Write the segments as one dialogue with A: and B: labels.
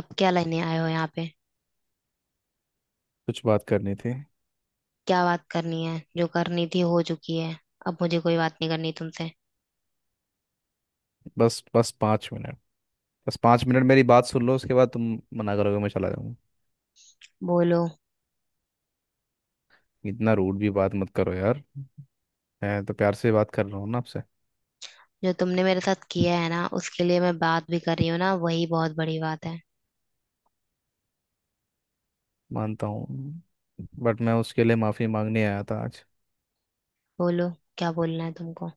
A: अब क्या लेने आए हो यहाँ पे।
B: कुछ बात करनी थी।
A: क्या बात करनी है, जो करनी थी हो चुकी है। अब मुझे कोई बात नहीं करनी तुमसे।
B: बस बस 5 मिनट। बस पाँच मिनट मेरी बात सुन लो, उसके बाद तुम मना करोगे मैं चला जाऊंगा।
A: बोलो।
B: इतना रूड भी बात मत करो यार। मैं तो प्यार से बात कर रहा हूँ ना आपसे।
A: जो तुमने मेरे साथ किया है ना, उसके लिए मैं बात भी कर रही हूँ ना, वही बहुत बड़ी बात है।
B: मानता हूँ, बट मैं उसके लिए माफ़ी मांगने आया था आज।
A: बोलो, क्या बोलना है तुमको।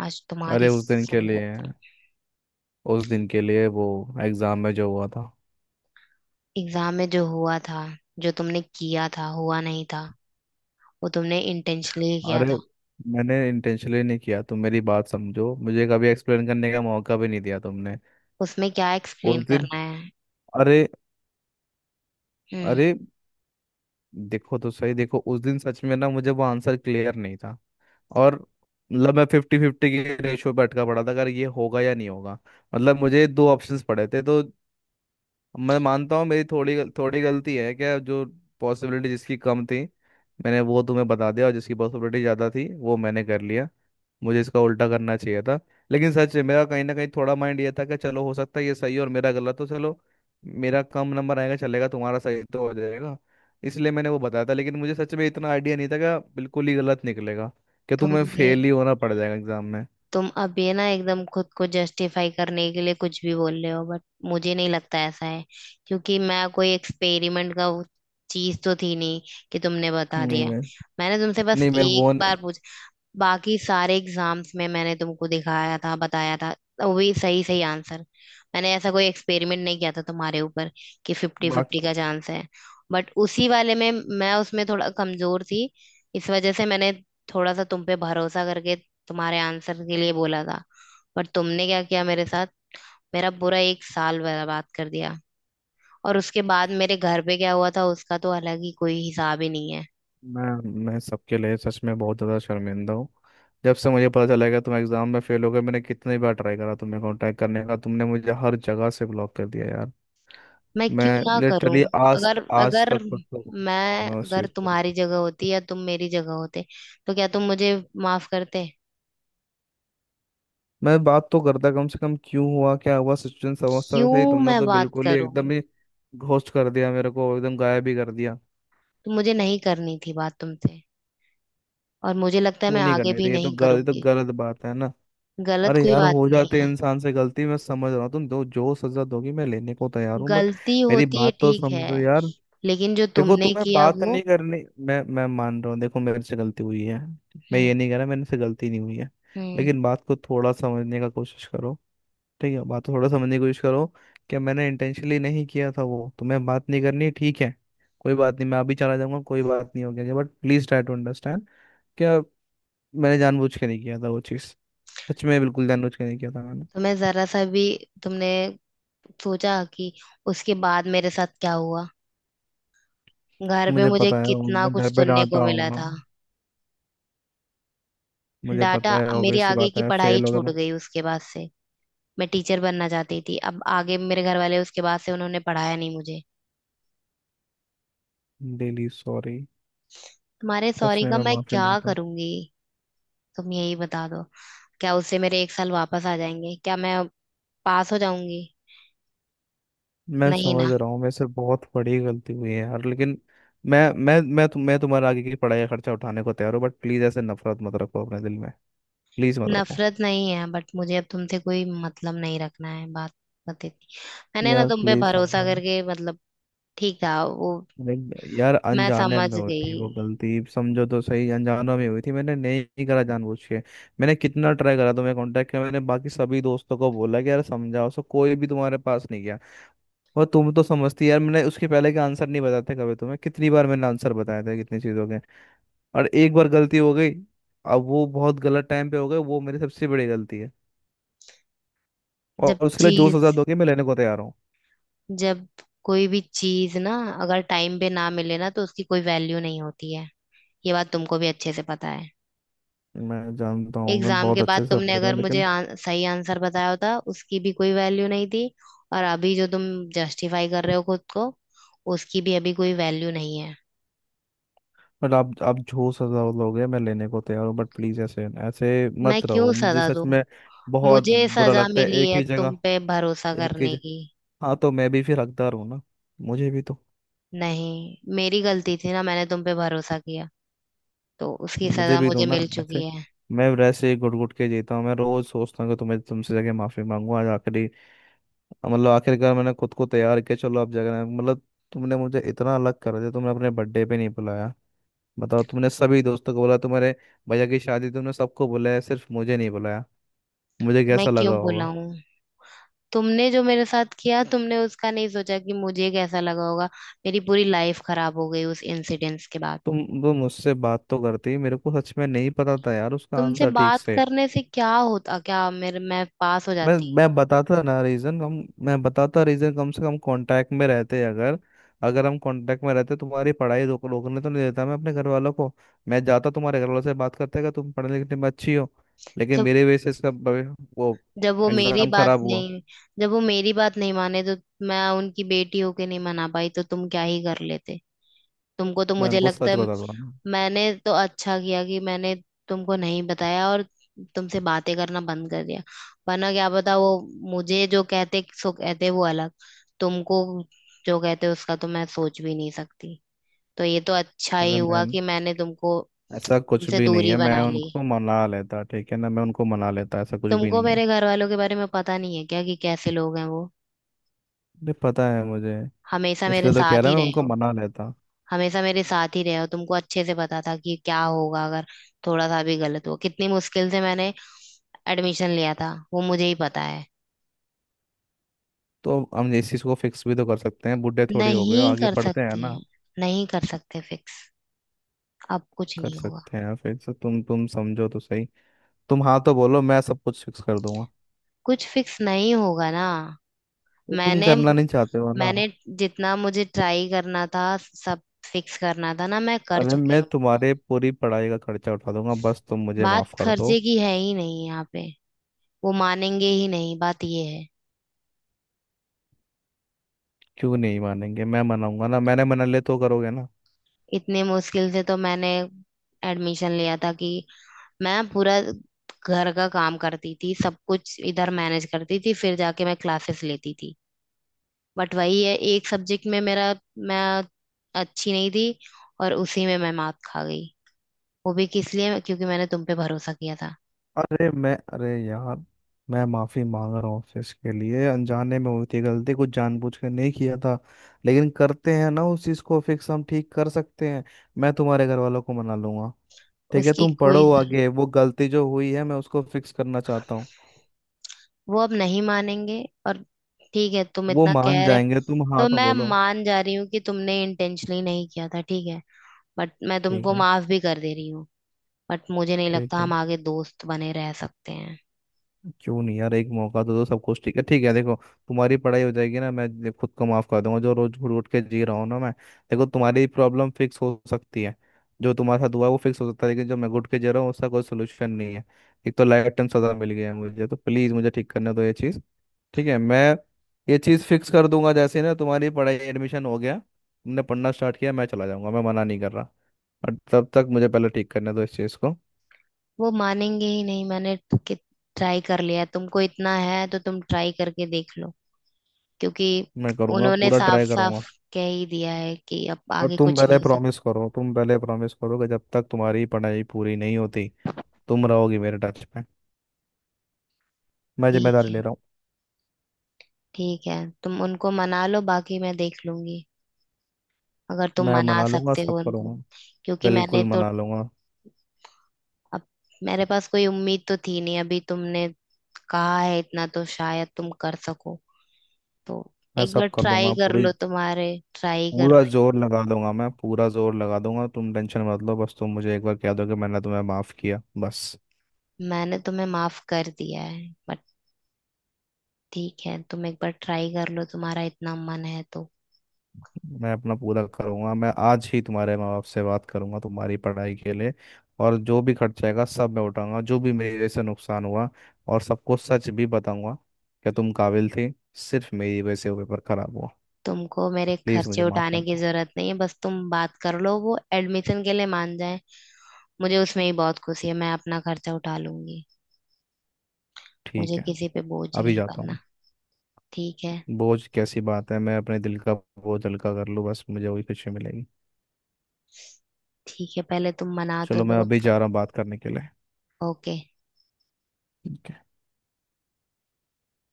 A: आज
B: अरे
A: तुम्हारी
B: उस दिन के
A: समझ।
B: लिए। उस दिन के लिए वो एग्ज़ाम में जो हुआ था।
A: एग्जाम में जो हुआ था, जो तुमने किया था, हुआ नहीं था। वो तुमने इंटेंशनली किया
B: अरे,
A: था।
B: मैंने इंटेंशनली नहीं किया, तुम मेरी बात समझो। मुझे कभी एक्सप्लेन करने का मौका भी नहीं दिया तुमने।
A: उसमें क्या
B: उस
A: एक्सप्लेन
B: दिन,
A: करना है।
B: अरे
A: हम्म।
B: अरे देखो तो सही। देखो उस दिन सच में ना मुझे वो आंसर क्लियर नहीं था। और मतलब मैं फिफ्टी फिफ्टी के रेशियो पे अटका पड़ा था, अगर ये होगा या नहीं होगा। मतलब मुझे 2 ऑप्शंस पड़े थे तो। मैं मानता हूँ मेरी थोड़ी गलती है क्या जो पॉसिबिलिटी जिसकी कम थी मैंने वो तुम्हें बता दिया, और जिसकी पॉसिबिलिटी ज़्यादा थी वो मैंने कर लिया। मुझे इसका उल्टा करना चाहिए था। लेकिन सच है, मेरा कहीं ना कहीं थोड़ा माइंड ये था कि चलो हो सकता है ये सही है और मेरा गलत हो, चलो मेरा कम नंबर आएगा चलेगा, तुम्हारा सही तो हो जाएगा। इसलिए मैंने वो बताया था, लेकिन मुझे सच में इतना आइडिया नहीं था कि बिल्कुल ही गलत निकलेगा, कि तुम्हें
A: तुमने
B: फेल ही होना पड़ जाएगा एग्जाम में।
A: तुम अब ये ना एकदम खुद को जस्टिफाई करने के लिए कुछ भी बोल रहे हो, बट मुझे नहीं लगता ऐसा है। क्योंकि मैं कोई एक्सपेरिमेंट का चीज तो थी नहीं कि तुमने बता
B: नहीं
A: दिया।
B: मैं
A: मैंने तुमसे बस
B: नहीं मैं
A: एक
B: वो
A: बार पूछ। बाकी सारे एग्जाम्स में मैंने तुमको दिखाया था, बताया था, तो वो भी सही सही आंसर। मैंने ऐसा कोई एक्सपेरिमेंट नहीं किया था तुम्हारे ऊपर कि फिफ्टी फिफ्टी
B: बाकी
A: का चांस है। बट उसी वाले में मैं उसमें थोड़ा कमजोर थी, इस वजह से मैंने थोड़ा सा तुम पे भरोसा करके तुम्हारे आंसर के लिए बोला था। पर तुमने क्या किया मेरे साथ। मेरा पूरा एक साल बर्बाद कर दिया। और उसके बाद मेरे घर पे क्या हुआ था, उसका तो अलग ही कोई हिसाब ही नहीं है।
B: मैं मैं सबके लिए सच में बहुत ज़्यादा शर्मिंदा हूँ। जब से मुझे पता चला कि तुम एग्ज़ाम में फेल हो गए, मैंने कितनी बार ट्राई करा तुम्हें कांटेक्ट करने का, तुमने मुझे हर जगह से ब्लॉक कर दिया यार।
A: मैं क्यों
B: मैं
A: ना करूं।
B: लिटरली आज
A: अगर
B: आज
A: अगर
B: तक पछता हूँ
A: मैं
B: मैं उस
A: अगर
B: चीज़ के लिए।
A: तुम्हारी जगह होती या तुम मेरी जगह होते, तो क्या तुम मुझे माफ करते।
B: मैं बात तो करता कम से कम, क्यों हुआ क्या हुआ सिचुएशन समझता तो सही।
A: क्यों
B: तुमने
A: मैं
B: तो
A: बात
B: बिल्कुल ही
A: करूं।
B: एकदम ही घोस्ट कर दिया मेरे को, एकदम गायब ही कर दिया।
A: तो मुझे नहीं करनी थी बात तुमसे, और मुझे लगता है
B: क्यों
A: मैं
B: नहीं
A: आगे
B: करने
A: भी
B: थे?
A: नहीं
B: ये तो
A: करूंगी।
B: गलत बात है ना।
A: गलत
B: अरे
A: कोई
B: यार,
A: बात
B: हो
A: नहीं
B: जाते हैं
A: है।
B: इंसान से गलती। मैं समझ रहा हूँ, तुम दो जो सजा दोगी मैं लेने को तैयार हूँ, बट
A: गलती
B: मेरी
A: होती है,
B: बात तो
A: ठीक है।
B: समझो यार।
A: लेकिन जो
B: देखो,
A: तुमने
B: तुम्हें
A: किया
B: बात
A: वो।
B: नहीं करनी। मैं मान रहा हूँ, देखो मेरे से गलती हुई है। मैं
A: हम्म।
B: ये नहीं कह रहा मेरे से गलती नहीं हुई है।
A: हम्म।
B: लेकिन बात को थोड़ा समझने का कोशिश करो। ठीक है, बात को थोड़ा समझने की कोशिश करो कि मैंने इंटेंशनली नहीं किया था वो। तुम्हें बात नहीं करनी, ठीक है, कोई बात नहीं, मैं अभी चला जाऊंगा, कोई बात नहीं हो गया, but please try to understand क्या। मैंने जानबूझ के नहीं किया था वो चीज़। सच में बिल्कुल जानबूझ के नहीं किया था मैंने।
A: तुम्हें जरा सा भी तुमने सोचा कि उसके बाद मेरे साथ क्या हुआ। घर पे
B: मुझे
A: मुझे
B: पता है
A: कितना
B: उनने घर
A: कुछ
B: पे
A: सुनने
B: डांटा
A: को मिला
B: होगा।
A: था।
B: मुझे
A: डाटा।
B: पता है,
A: मेरी
B: ऑब्वियस सी
A: आगे
B: बात
A: की
B: है,
A: पढ़ाई
B: फेल हो गया
A: छूट
B: ना।
A: गई उसके बाद से। मैं टीचर बनना चाहती थी, अब आगे मेरे घर वाले उसके बाद से उन्होंने पढ़ाया नहीं मुझे।
B: Daily sorry.
A: तुम्हारे
B: सच
A: सॉरी
B: में
A: का
B: मैं
A: मैं
B: माफी
A: क्या
B: मांगता हूँ।
A: करूंगी। तुम यही बता दो, क्या उससे मेरे एक साल वापस आ जाएंगे, क्या मैं पास हो जाऊंगी।
B: मैं
A: नहीं
B: समझ
A: ना।
B: रहा हूँ मेरे से बहुत बड़ी गलती हुई है यार, लेकिन मैं तुम्हारे आगे की पढ़ाई का खर्चा उठाने को तैयार हूँ, बट प्लीज ऐसे नफरत मत रखो अपने दिल में। प्लीज मत रखो।
A: नफरत नहीं है, बट मुझे अब तुमसे कोई मतलब नहीं रखना है। बात बत इतनी। मैंने ना
B: यार
A: तुम पे
B: प्लीज
A: भरोसा
B: समझो।
A: करके, मतलब ठीक था वो।
B: यार
A: मैं
B: अनजाने
A: समझ
B: में हुई थी वो
A: गई।
B: गलती। समझो तो सही, अनजानों में हुई थी, मैंने नहीं करा जानबूझ के। मैंने कितना ट्राई करा, तुम्हें कांटेक्ट किया, मैंने बाकी सभी दोस्तों को बोला कि यार समझाओ, सो कोई भी तुम्हारे पास नहीं गया। और तुम तो समझती यार, मैंने उसके पहले के आंसर नहीं बताते कभी तुम्हें? कितनी बार मैंने आंसर बताया था कितनी चीज़ों के। और एक बार गलती हो गई, अब वो बहुत गलत टाइम पे हो गए, वो मेरी सबसे बड़ी गलती है। और
A: जब
B: उसके लिए जो सजा
A: चीज,
B: दोगे मैं लेने को तैयार हूँ।
A: जब कोई भी चीज ना अगर टाइम पे ना मिले ना, तो उसकी कोई वैल्यू नहीं होती है। ये बात तुमको भी अच्छे से पता है।
B: मैं जानता हूँ, मैं
A: एग्जाम
B: बहुत
A: के बाद
B: अच्छे से समझ
A: तुमने
B: रहा
A: अगर
B: हूँ
A: मुझे
B: लेकिन।
A: सही आंसर बताया होता, उसकी भी कोई वैल्यू नहीं थी। और अभी जो तुम जस्टिफाई कर रहे हो खुद को, उसकी भी अभी कोई वैल्यू नहीं है।
B: बट आप जो सजा लोगे मैं लेने को तैयार हूँ, बट प्लीज ऐसे ऐसे
A: मैं
B: मत रहो
A: क्यों
B: मुझे।
A: सजा
B: सच
A: दूं।
B: में बहुत
A: मुझे
B: बुरा
A: सजा
B: लगता है।
A: मिली
B: एक
A: है
B: ही जगह।
A: तुम पे भरोसा
B: एक ही
A: करने
B: जगह।
A: की।
B: हाँ तो मैं भी फिर हकदार हूँ ना, मुझे भी तो।
A: नहीं, मेरी गलती थी ना, मैंने तुम पे भरोसा किया, तो उसकी
B: मुझे
A: सजा
B: भी दो
A: मुझे
B: ना
A: मिल चुकी
B: ऐसे।
A: है।
B: मैं वैसे ही घुट घुट के जीता हूँ। मैं रोज सोचता हूँ कि तुम्हें, तुमसे जगह माफी मांगू। आज आखिरी, मतलब आखिरकार मैंने खुद को तैयार किया, चलो अब जगह मतलब। तुमने मुझे इतना अलग कर दिया, तुमने अपने बर्थडे पे नहीं बुलाया, बताओ। तुमने सभी दोस्तों को बोला तुम्हारे भैया की शादी, तुमने सबको बुलाया, सिर्फ मुझे नहीं बुलाया। मुझे
A: मैं
B: कैसा लगा
A: क्यों
B: होगा?
A: बुलाऊं। तुमने जो मेरे साथ किया, तुमने उसका नहीं सोचा कि मुझे कैसा लगा होगा। मेरी पूरी लाइफ खराब हो गई उस इंसिडेंस के बाद।
B: तुम वो मुझसे बात तो करती। मेरे को सच में नहीं पता था यार उसका
A: तुमसे
B: आंसर ठीक
A: बात
B: से।
A: करने से क्या होता, क्या मेरे, मैं पास हो
B: मैं
A: जाती।
B: मैं बताता ना रीजन। हम मैं बताता रीजन, कम से कम कांटेक्ट में रहते। अगर अगर हम कांटेक्ट में रहते, तुम्हारी पढ़ाई रोकने तो नहीं देता मैं अपने घर वालों को। मैं जाता तुम्हारे घर वालों से बात करते कि तुम पढ़ने लिखने में अच्छी हो, लेकिन
A: जब,
B: मेरे वजह से इसका वो
A: जब वो मेरी
B: एग्जाम
A: बात
B: खराब हुआ।
A: नहीं जब वो मेरी बात नहीं माने, तो मैं उनकी बेटी होके नहीं मना पाई, तो तुम क्या ही कर लेते। तुमको तो
B: मैं
A: मुझे
B: उनको
A: लगता
B: सच
A: है,
B: बताता हूँ।
A: मैंने तो अच्छा किया कि मैंने तुमको नहीं बताया, और तुमसे बातें करना बंद कर दिया। वरना क्या पता, वो मुझे जो कहते सो कहते, वो अलग, तुमको जो कहते उसका तो मैं सोच भी नहीं सकती। तो ये तो अच्छा ही
B: अरे
A: हुआ
B: मैन,
A: कि मैंने तुमको
B: ऐसा कुछ
A: तुमसे
B: भी नहीं
A: दूरी
B: है,
A: बना
B: मैं
A: ली।
B: उनको मना लेता, ठीक है ना? मैं उनको मना लेता, ऐसा कुछ भी
A: तुमको
B: नहीं है।
A: मेरे घर वालों के बारे में पता नहीं है क्या कि कैसे लोग हैं वो।
B: अरे पता है मुझे,
A: हमेशा मेरे
B: इसलिए तो कह
A: साथ
B: रहा
A: ही
B: मैं
A: रहे
B: उनको
A: हो।
B: मना लेता।
A: हमेशा मेरे साथ ही रहे हो, तुमको अच्छे से पता था कि क्या होगा अगर थोड़ा सा भी गलत हुआ। कितनी मुश्किल से मैंने एडमिशन लिया था, वो मुझे ही पता है।
B: तो हम इस चीज़ को फिक्स भी तो कर सकते हैं, बूढ़े थोड़ी हो गए हो,
A: नहीं
B: आगे
A: कर
B: पढ़ते हैं
A: सकते
B: ना।
A: हैं, नहीं कर सकते फिक्स, अब कुछ
B: कर
A: नहीं होगा।
B: सकते हैं फिक्स, तुम समझो तो सही। तुम हाँ तो बोलो, मैं सब कुछ फिक्स कर दूंगा।
A: कुछ फिक्स नहीं होगा ना।
B: तो तुम
A: मैंने
B: करना नहीं चाहते हो ना?
A: मैंने जितना मुझे ट्राई करना था, सब फिक्स करना था ना, मैं कर
B: अरे
A: चुकी
B: मैं
A: हूँ।
B: तुम्हारे पूरी पढ़ाई का खर्चा उठा दूंगा, बस तुम मुझे
A: बात
B: माफ कर दो।
A: खर्चे की है ही नहीं यहाँ पे। वो मानेंगे ही नहीं, बात ये है।
B: क्यों नहीं मानेंगे? मैं मनाऊंगा ना, मैंने मना ले तो करोगे ना?
A: इतने मुश्किल से तो मैंने एडमिशन लिया था। कि मैं पूरा घर का काम करती थी, सब कुछ इधर मैनेज करती थी, फिर जाके मैं क्लासेस लेती थी। बट वही है, एक सब्जेक्ट में मेरा, मैं अच्छी नहीं थी, और उसी में मैं मात खा गई। वो भी किस लिए, क्योंकि मैंने तुम पे भरोसा किया था।
B: अरे यार, मैं माफी मांग रहा हूँ आपसे इसके लिए। अनजाने में हुई थी गलती, कुछ जानबूझ के नहीं किया था। लेकिन करते हैं ना उस चीज को फिक्स, हम ठीक कर सकते हैं। मैं तुम्हारे घर वालों को मना लूंगा। ठीक है,
A: उसकी
B: तुम
A: कोई
B: पढ़ो
A: जरूरत,
B: आगे। वो गलती जो हुई है मैं उसको फिक्स करना चाहता हूँ।
A: वो अब नहीं मानेंगे। और ठीक है, तुम
B: वो
A: इतना
B: मान
A: कह रहे,
B: जाएंगे, तुम हाँ
A: तो
B: तो
A: मैं
B: बोलो।
A: मान जा रही हूँ कि तुमने इंटेंशनली नहीं किया था, ठीक है। बट मैं
B: ठीक
A: तुमको
B: है,
A: माफ भी कर दे रही हूँ, बट मुझे नहीं लगता
B: ठीक
A: हम
B: है।
A: आगे दोस्त बने रह सकते हैं।
B: क्यों नहीं यार, एक मौका तो दो, सब कुछ ठीक है। ठीक है देखो, तुम्हारी पढ़ाई हो जाएगी ना, मैं खुद को माफ कर दूंगा जो रोज घूट घूट के जी रहा हूँ ना मैं। देखो तुम्हारी प्रॉब्लम फिक्स हो सकती है, जो तुम्हारे साथ हुआ है वो फिक्स हो सकता है, लेकिन जो मैं घुट के जी रहा हूँ उसका कोई सोल्यूशन नहीं है। एक तो लाइफ टाइम सजा मिल गया है मुझे तो, प्लीज मुझे ठीक करने दो ये चीज। ठीक है, मैं ये चीज फिक्स कर दूंगा। जैसे ही ना तुम्हारी पढ़ाई, एडमिशन हो गया, तुमने पढ़ना स्टार्ट किया, मैं चला जाऊंगा, मैं मना नहीं कर रहा। और तब तक मुझे पहले ठीक करने दो इस चीज को।
A: वो मानेंगे ही नहीं, मैंने ट्राई कर लिया, तुमको इतना है तो तुम ट्राई करके देख लो। क्योंकि
B: मैं करूंगा,
A: उन्होंने
B: पूरा
A: साफ
B: ट्राई
A: साफ
B: करूंगा।
A: कह ही दिया है कि अब
B: और
A: आगे
B: तुम
A: कुछ
B: पहले
A: नहीं हो सकता।
B: प्रॉमिस करो, तुम पहले प्रॉमिस करो कि जब तक तुम्हारी पढ़ाई पूरी नहीं होती, तुम रहोगी मेरे टच में। मैं
A: ठीक
B: जिम्मेदारी ले
A: है,
B: रहा हूँ।
A: ठीक है, तुम उनको मना लो, बाकी मैं देख लूंगी, अगर तुम
B: मैं
A: मना
B: मना लूंगा,
A: सकते
B: सब
A: हो उनको।
B: करूंगा,
A: क्योंकि मैंने
B: बिल्कुल
A: तो,
B: मना लूंगा।
A: अब मेरे पास कोई उम्मीद तो थी नहीं, अभी तुमने कहा है इतना, तो शायद तुम कर सको। तो
B: मैं
A: एक बार
B: सब कर
A: ट्राई
B: दूंगा
A: कर
B: पूरी।
A: लो, तुम्हारे ट्राई कर।
B: पूरा जोर लगा दूंगा, मैं पूरा जोर लगा दूंगा, तुम टेंशन मत लो, बस तुम मुझे एक बार कह दो कि मैंने तुम्हें माफ किया, बस।
A: मैंने तुम्हें माफ कर दिया है, बट ठीक है, तुम एक बार ट्राई कर लो, तुम्हारा इतना मन है तो।
B: मैं अपना पूरा करूंगा। मैं आज ही तुम्हारे माँ बाप से बात करूंगा तुम्हारी पढ़ाई के लिए, और जो भी खर्चा आएगा सब मैं उठाऊंगा, जो भी मेरे से नुकसान हुआ। और सबको सच भी बताऊंगा कि तुम काबिल थे, सिर्फ मेरी वजह से वो पेपर खराब हुआ।
A: तुमको मेरे
B: प्लीज़
A: खर्चे
B: मुझे माफ़
A: उठाने
B: कर
A: की
B: दो।
A: जरूरत नहीं है, बस तुम बात कर लो वो एडमिशन के लिए मान जाए। मुझे उसमें ही बहुत खुशी है, मैं अपना खर्चा उठा लूंगी।
B: ठीक
A: मुझे
B: है,
A: किसी पे बोझ
B: अभी
A: नहीं
B: जाता
A: बनना।
B: हूँ।
A: ठीक है,
B: बोझ कैसी बात है? मैं अपने दिल का बोझ हल्का कर लूँ, बस मुझे वही खुशी मिलेगी।
A: ठीक है, पहले तुम मना तो
B: चलो मैं
A: लो
B: अभी
A: उनको।
B: जा रहा हूँ बात करने के लिए।
A: ओके।
B: ठीक है।